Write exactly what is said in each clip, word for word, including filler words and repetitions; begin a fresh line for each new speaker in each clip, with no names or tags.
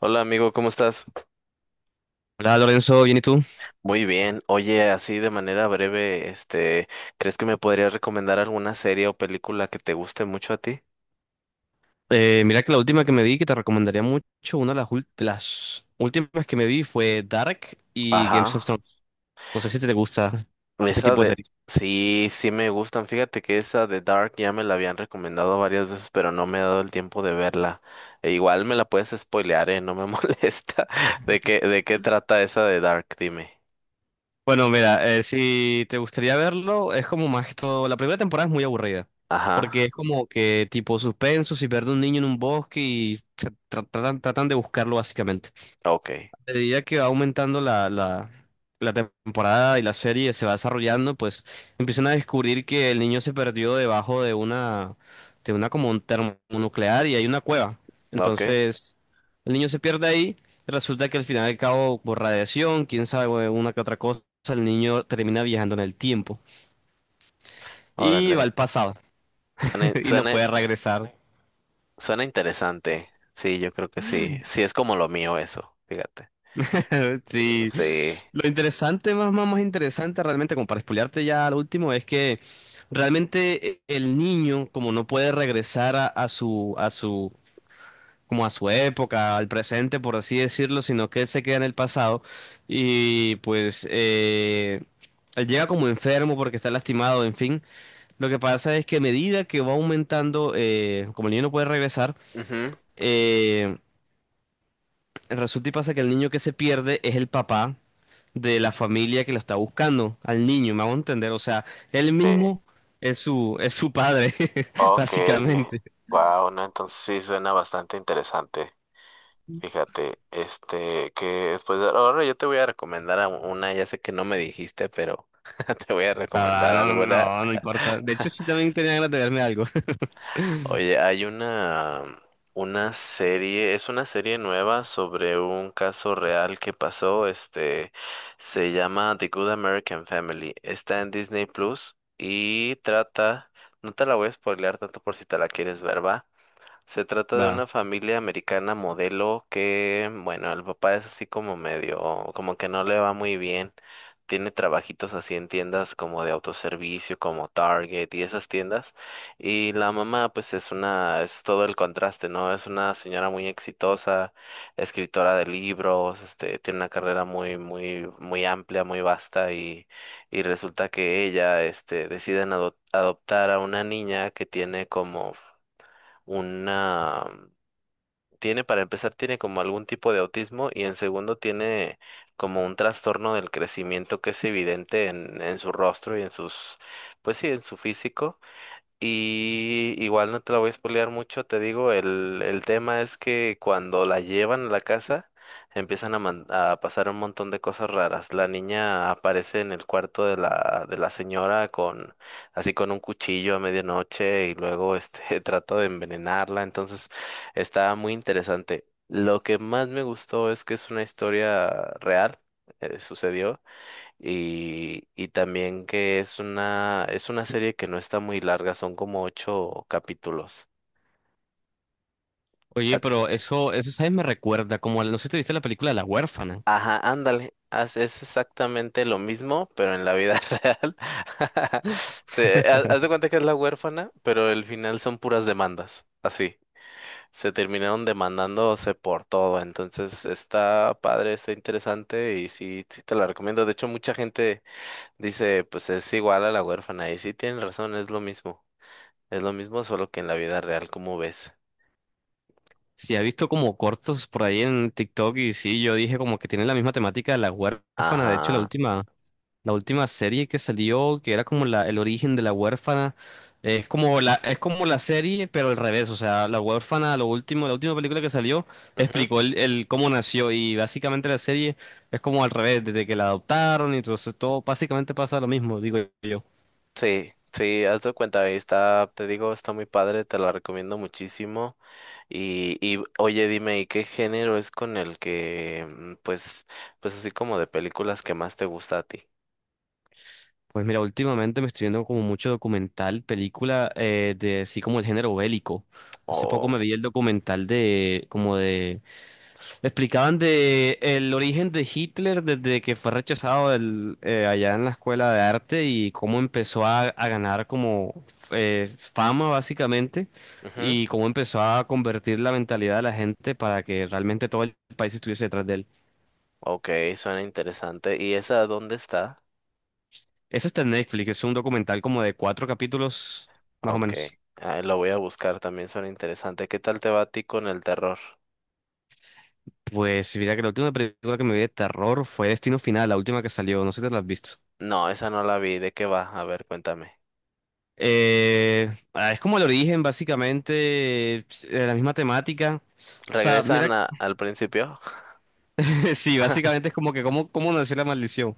Hola amigo, ¿cómo estás?
Hola Lorenzo, bien y tú.
Muy bien. Oye, así de manera breve, este, ¿crees que me podrías recomendar alguna serie o película que te guste mucho a ti?
Eh, mira que la última que me vi que te recomendaría mucho, una de las, ul- de las últimas que me vi fue Dark y Games of
Ajá.
Thrones. No sé si te gusta ese
Esa
tipo de
de...
series.
Sí, sí me gustan. Fíjate que esa de Dark ya me la habían recomendado varias veces, pero no me he dado el tiempo de verla. E igual me la puedes spoilear, ¿eh? No me molesta. ¿De qué, de qué trata esa de Dark? Dime.
Bueno, mira, eh, si te gustaría verlo, es como más que todo. La primera temporada es muy aburrida
Ajá.
porque es como que tipo suspenso, si pierde un niño en un bosque y se tra- tratan, tratan de buscarlo básicamente.
Ok.
A medida que va aumentando la, la, la temporada y la serie se va desarrollando, pues empiezan a descubrir que el niño se perdió debajo de una, de una como un termonuclear y hay una cueva.
Ok.
Entonces, el niño se pierde ahí, resulta que al final del cabo, por radiación, quién sabe, una que otra cosa, el niño termina viajando en el tiempo y
Órale.
va al pasado
Suena,
y no
suena,
puede regresar.
Suena interesante. Sí, yo creo que sí. Sí, es como lo mío eso, fíjate.
Sí,
Sí.
lo interesante, más, más, más interesante realmente, como para spoilearte ya al último, es que realmente e- el niño, como no puede regresar a, a su, a su, como a su época, al presente, por así decirlo, sino que él se queda en el pasado y pues eh, él llega como enfermo porque está lastimado, en fin. Lo que pasa es que a medida que va aumentando, eh, como el niño no puede regresar,
Ujú.
eh, resulta y pasa que el niño que se pierde es el papá de la familia que lo está buscando, al niño, me hago entender. O sea, él
Sí.
mismo es su, es su padre,
Ok.
básicamente.
Wow, no, entonces sí suena bastante interesante. Fíjate, este, que después de- ahora yo te voy a recomendar a una, ya sé que no me dijiste, pero te voy a
Va, va,
recomendar
no,
alguna.
no, no importa. De hecho, sí también tenía ganas de verme algo.
Oye, hay una, una serie, es una serie nueva sobre un caso real que pasó, este, se llama The Good American Family, está en Disney Plus y trata, no te la voy a spoilear tanto por si te la quieres ver, va. Se trata de
Va.
una familia americana modelo que, bueno, el papá es así como medio, como que no le va muy bien. Tiene trabajitos así en tiendas como de autoservicio, como Target y esas tiendas. Y la mamá, pues es una, es todo el contraste, ¿no? Es una señora muy exitosa, escritora de libros, este, tiene una carrera muy, muy, muy amplia, muy vasta y, y resulta que ella, este, deciden ado- adoptar a una niña que tiene como una, tiene para empezar, tiene como algún tipo de autismo y en segundo tiene como un trastorno del crecimiento que es evidente en, en su rostro y en sus, pues sí, en su físico. Y igual no te la voy a spoilear mucho, te digo, el, el tema es que cuando la llevan a la casa empiezan a, man- a pasar un montón de cosas raras. La niña aparece en el cuarto de la, de la señora con así con un cuchillo a medianoche y luego este trata de envenenarla, entonces está muy interesante. Lo que más me gustó es que es una historia real, eh, sucedió. Y, y también que es una, es una serie que no está muy larga, son como ocho capítulos.
Oye,
A-
pero eso, eso, ¿sabes? Me recuerda, como, al- no sé si te viste la película La huérfana.
Ajá, ándale, haz- es exactamente lo mismo, pero en la vida real. Se, ha- haz de cuenta que es la huérfana, pero el final son puras demandas, así. Se terminaron demandándose por todo, entonces está padre, está interesante y sí, sí te la recomiendo. De hecho, mucha gente dice, pues es igual a la huérfana y sí tienen razón, es lo mismo. Es lo mismo, solo que en la vida real, ¿como ves?
Sí, he visto como cortos por ahí en TikTok y sí, yo dije como que tiene la misma temática de La huérfana. De hecho, la
Ajá.
última. La última serie que salió, que era como la, el origen de la huérfana, eh, es como la, es como la serie, pero al revés. O sea, la huérfana, lo último, la última película que salió,
Ujú.
explicó el, el cómo nació. Y básicamente la serie es como al revés, desde que la adoptaron, y entonces todo básicamente pasa lo mismo, digo yo.
Sí, sí, haz de cuenta, ahí está, te digo, está muy padre, te la recomiendo muchísimo. Y, y oye, dime, ¿y qué género es con el que, mm, pues, pues así como de películas que más te gusta a ti?
Pues mira, últimamente me estoy viendo como mucho documental, película, eh, de así como el género bélico. Hace poco
Oh.
me vi el documental de como de. Explicaban de el origen de Hitler desde que fue rechazado del- eh, allá en la escuela de arte y cómo empezó a, a ganar como eh, fama básicamente
Ujú.
y cómo empezó a convertir la mentalidad de la gente para que realmente todo el país estuviese detrás de él.
Ok, suena interesante. ¿Y esa dónde está?
Ese está en Netflix, es un documental como de cuatro capítulos más o
Ok,
menos.
ah, lo voy a buscar, también suena interesante. ¿Qué tal te va a ti con el terror?
Pues mira que la última película que me vi de terror fue Destino Final, la última que salió, no sé si te la has visto.
No, esa no la vi, ¿de qué va? A ver, cuéntame.
Eh, ah, es como el origen, básicamente, es- eh, la misma temática. O sea, mira,
¿Regresan a- al principio?
sí, básicamente es como que cómo, cómo nació la maldición.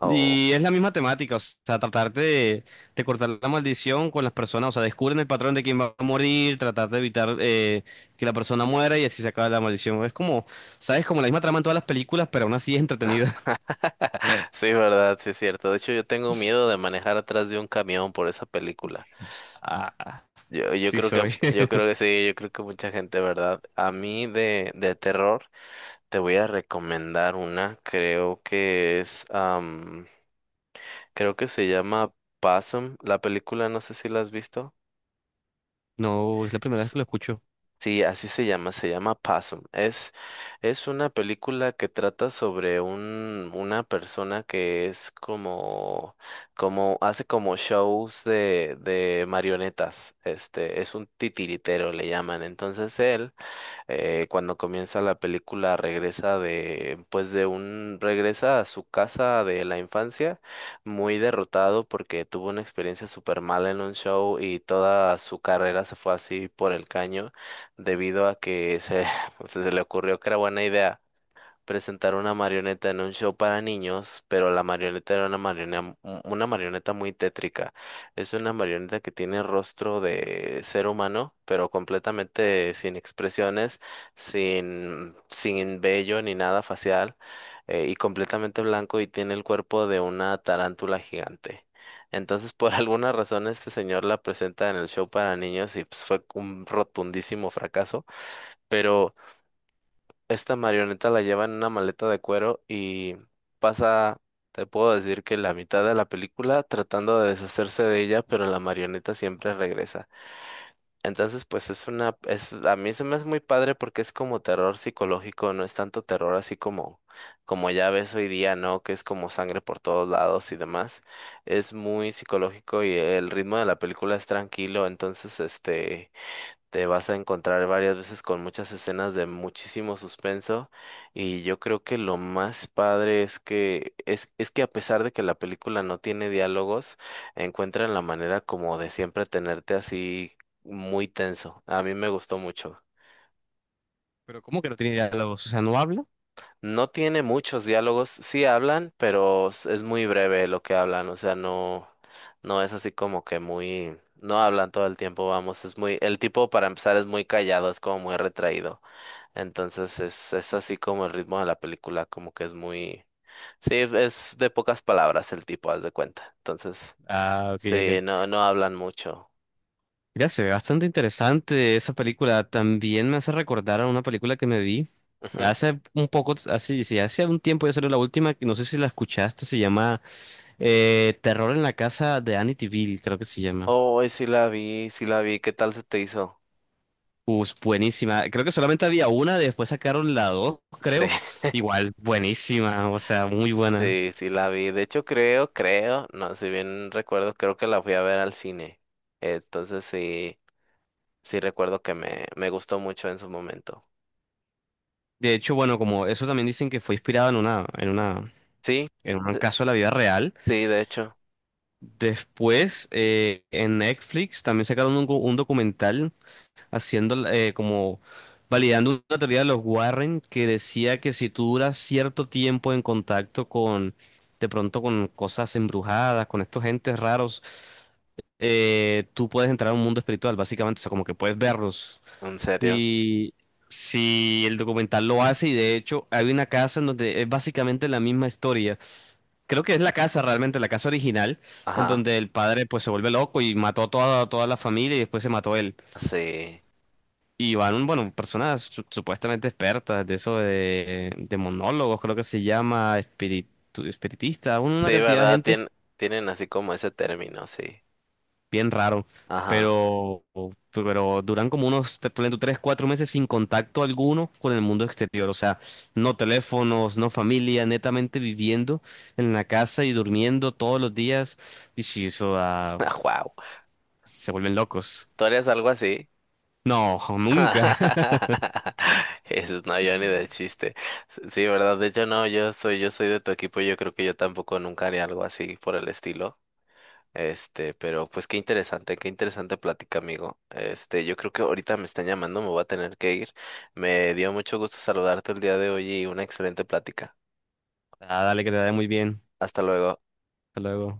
Oh.
Y es la misma temática, o sea, tratar de, de cortar la maldición con las personas, o sea, descubren el patrón de quién va a morir, tratar de evitar eh, que la persona muera y así se acaba la maldición. Es como, ¿sabes? Como la misma trama en todas las películas, pero aún así es entretenida.
Sí, verdad, sí es cierto. De hecho, yo tengo miedo de manejar atrás de un camión por esa película.
Ah,
Yo, yo
sí
creo que,
soy.
yo creo que sí, yo creo que mucha gente, ¿verdad? A mí de, de terror te voy a recomendar una, creo que es, am, creo que se llama Possum, la película, no sé si la has visto.
No, es la primera vez que lo escucho.
Sí, así se llama, se llama Possum. Es, es una película que trata sobre un, una persona que es como, como, hace como shows de, de marionetas. Este, es un titiritero, le llaman. Entonces él eh, cuando comienza la película regresa de, pues de un, regresa a su casa de la infancia muy derrotado porque tuvo una experiencia súper mala en un show y toda su carrera se fue así por el caño debido a que se, se le ocurrió que era buena idea presentar una marioneta en un show para niños, pero la marioneta era una marioneta, una marioneta muy tétrica. Es una marioneta que tiene rostro de ser humano, pero completamente sin expresiones, sin, sin vello ni nada facial, eh, y completamente blanco y tiene el cuerpo de una tarántula gigante. Entonces, por alguna razón, este señor la presenta en el show para niños y pues, fue un rotundísimo fracaso. Pero esta marioneta la lleva en una maleta de cuero y pasa, te puedo decir que la mitad de la película tratando de deshacerse de ella, pero la marioneta siempre regresa. Entonces, pues es una, es, a mí se me hace muy padre porque es como terror psicológico, no es tanto terror así como, como ya ves hoy día, ¿no? Que es como sangre por todos lados y demás. Es muy psicológico y el ritmo de la película es tranquilo, entonces, este te vas a encontrar varias veces con muchas escenas de muchísimo suspenso y yo creo que lo más padre es que es, es que a pesar de que la película no tiene diálogos, encuentran la manera como de siempre tenerte así muy tenso. A mí me gustó mucho.
Pero ¿cómo que no tiene diálogos? O sea, ¿no habla?
No tiene muchos diálogos, sí hablan, pero s- es muy breve lo que hablan, o sea, no, no es así como que muy, no hablan todo el tiempo, vamos, es muy, el tipo para empezar es muy callado, es como muy retraído, entonces es, es así como el ritmo de la película, como que es muy, sí, es de pocas palabras el tipo, haz de cuenta, entonces,
Ah, ok,
sí,
ok.
no, no hablan mucho.
Ya se ve bastante interesante esa película. También me hace recordar a una película que me vi
Ujú.
hace un poco, hace, sí, hace un tiempo ya salió la última, que no sé si la escuchaste, se llama eh, Terror en la casa de Amityville, creo que se llama.
Oh, sí la vi, sí la vi, ¿qué tal se te hizo?
Pues buenísima. Creo que solamente había una, después sacaron la dos,
Sí.
creo. Igual, buenísima, o sea, muy buena.
Sí, sí la vi. De hecho, creo, creo, no, si bien recuerdo, creo que la fui a ver al cine. Entonces sí, sí recuerdo que me, me gustó mucho en su momento.
De hecho, bueno, como eso también dicen que fue inspirado en una, en una,
Sí,
en un
sí,
caso de la vida real.
sí, de hecho,
Después, eh, en Netflix también sacaron un, go- un documental haciendo eh, como validando una teoría de los Warren que decía que si tú duras cierto tiempo en contacto con, de pronto con cosas embrujadas, con estos entes raros, eh, tú puedes entrar a un mundo espiritual, básicamente, o sea, como que puedes verlos.
en serio.
Y si el documental lo hace, y de hecho hay una casa en donde es básicamente la misma historia. Creo que es la casa realmente, la casa original, en
Ajá,
donde el padre pues se vuelve loco y mató a toda, toda la familia y después se mató él.
sí.
Y van, bueno, personas su- supuestamente expertas de eso de, de monólogos, creo que se llama, espiritu- espiritista, un-
Sí,
una cantidad de
¿verdad?
gente
Tien- tienen así como ese término, sí.
bien raro,
Ajá.
pero, pero duran como unos te- ponle tú, tres, cuatro meses sin contacto alguno con el mundo exterior, o sea, no teléfonos, no familia, netamente viviendo en la casa y durmiendo todos los días, y si eso da,
Wow.
se vuelven locos.
¿Tú harías algo así?
No, nunca.
Eso no, yo ni de chiste. Sí, ¿verdad? De hecho, no, yo soy, yo soy de tu equipo, yo creo que yo tampoco nunca haría algo así por el estilo. Este, pero pues qué interesante, qué interesante plática, amigo. Este, yo creo que ahorita me están llamando, me voy a tener que ir. Me dio mucho gusto saludarte el día de hoy y una excelente plática.
Ah, dale, que te da muy bien.
Hasta luego.
Hasta luego.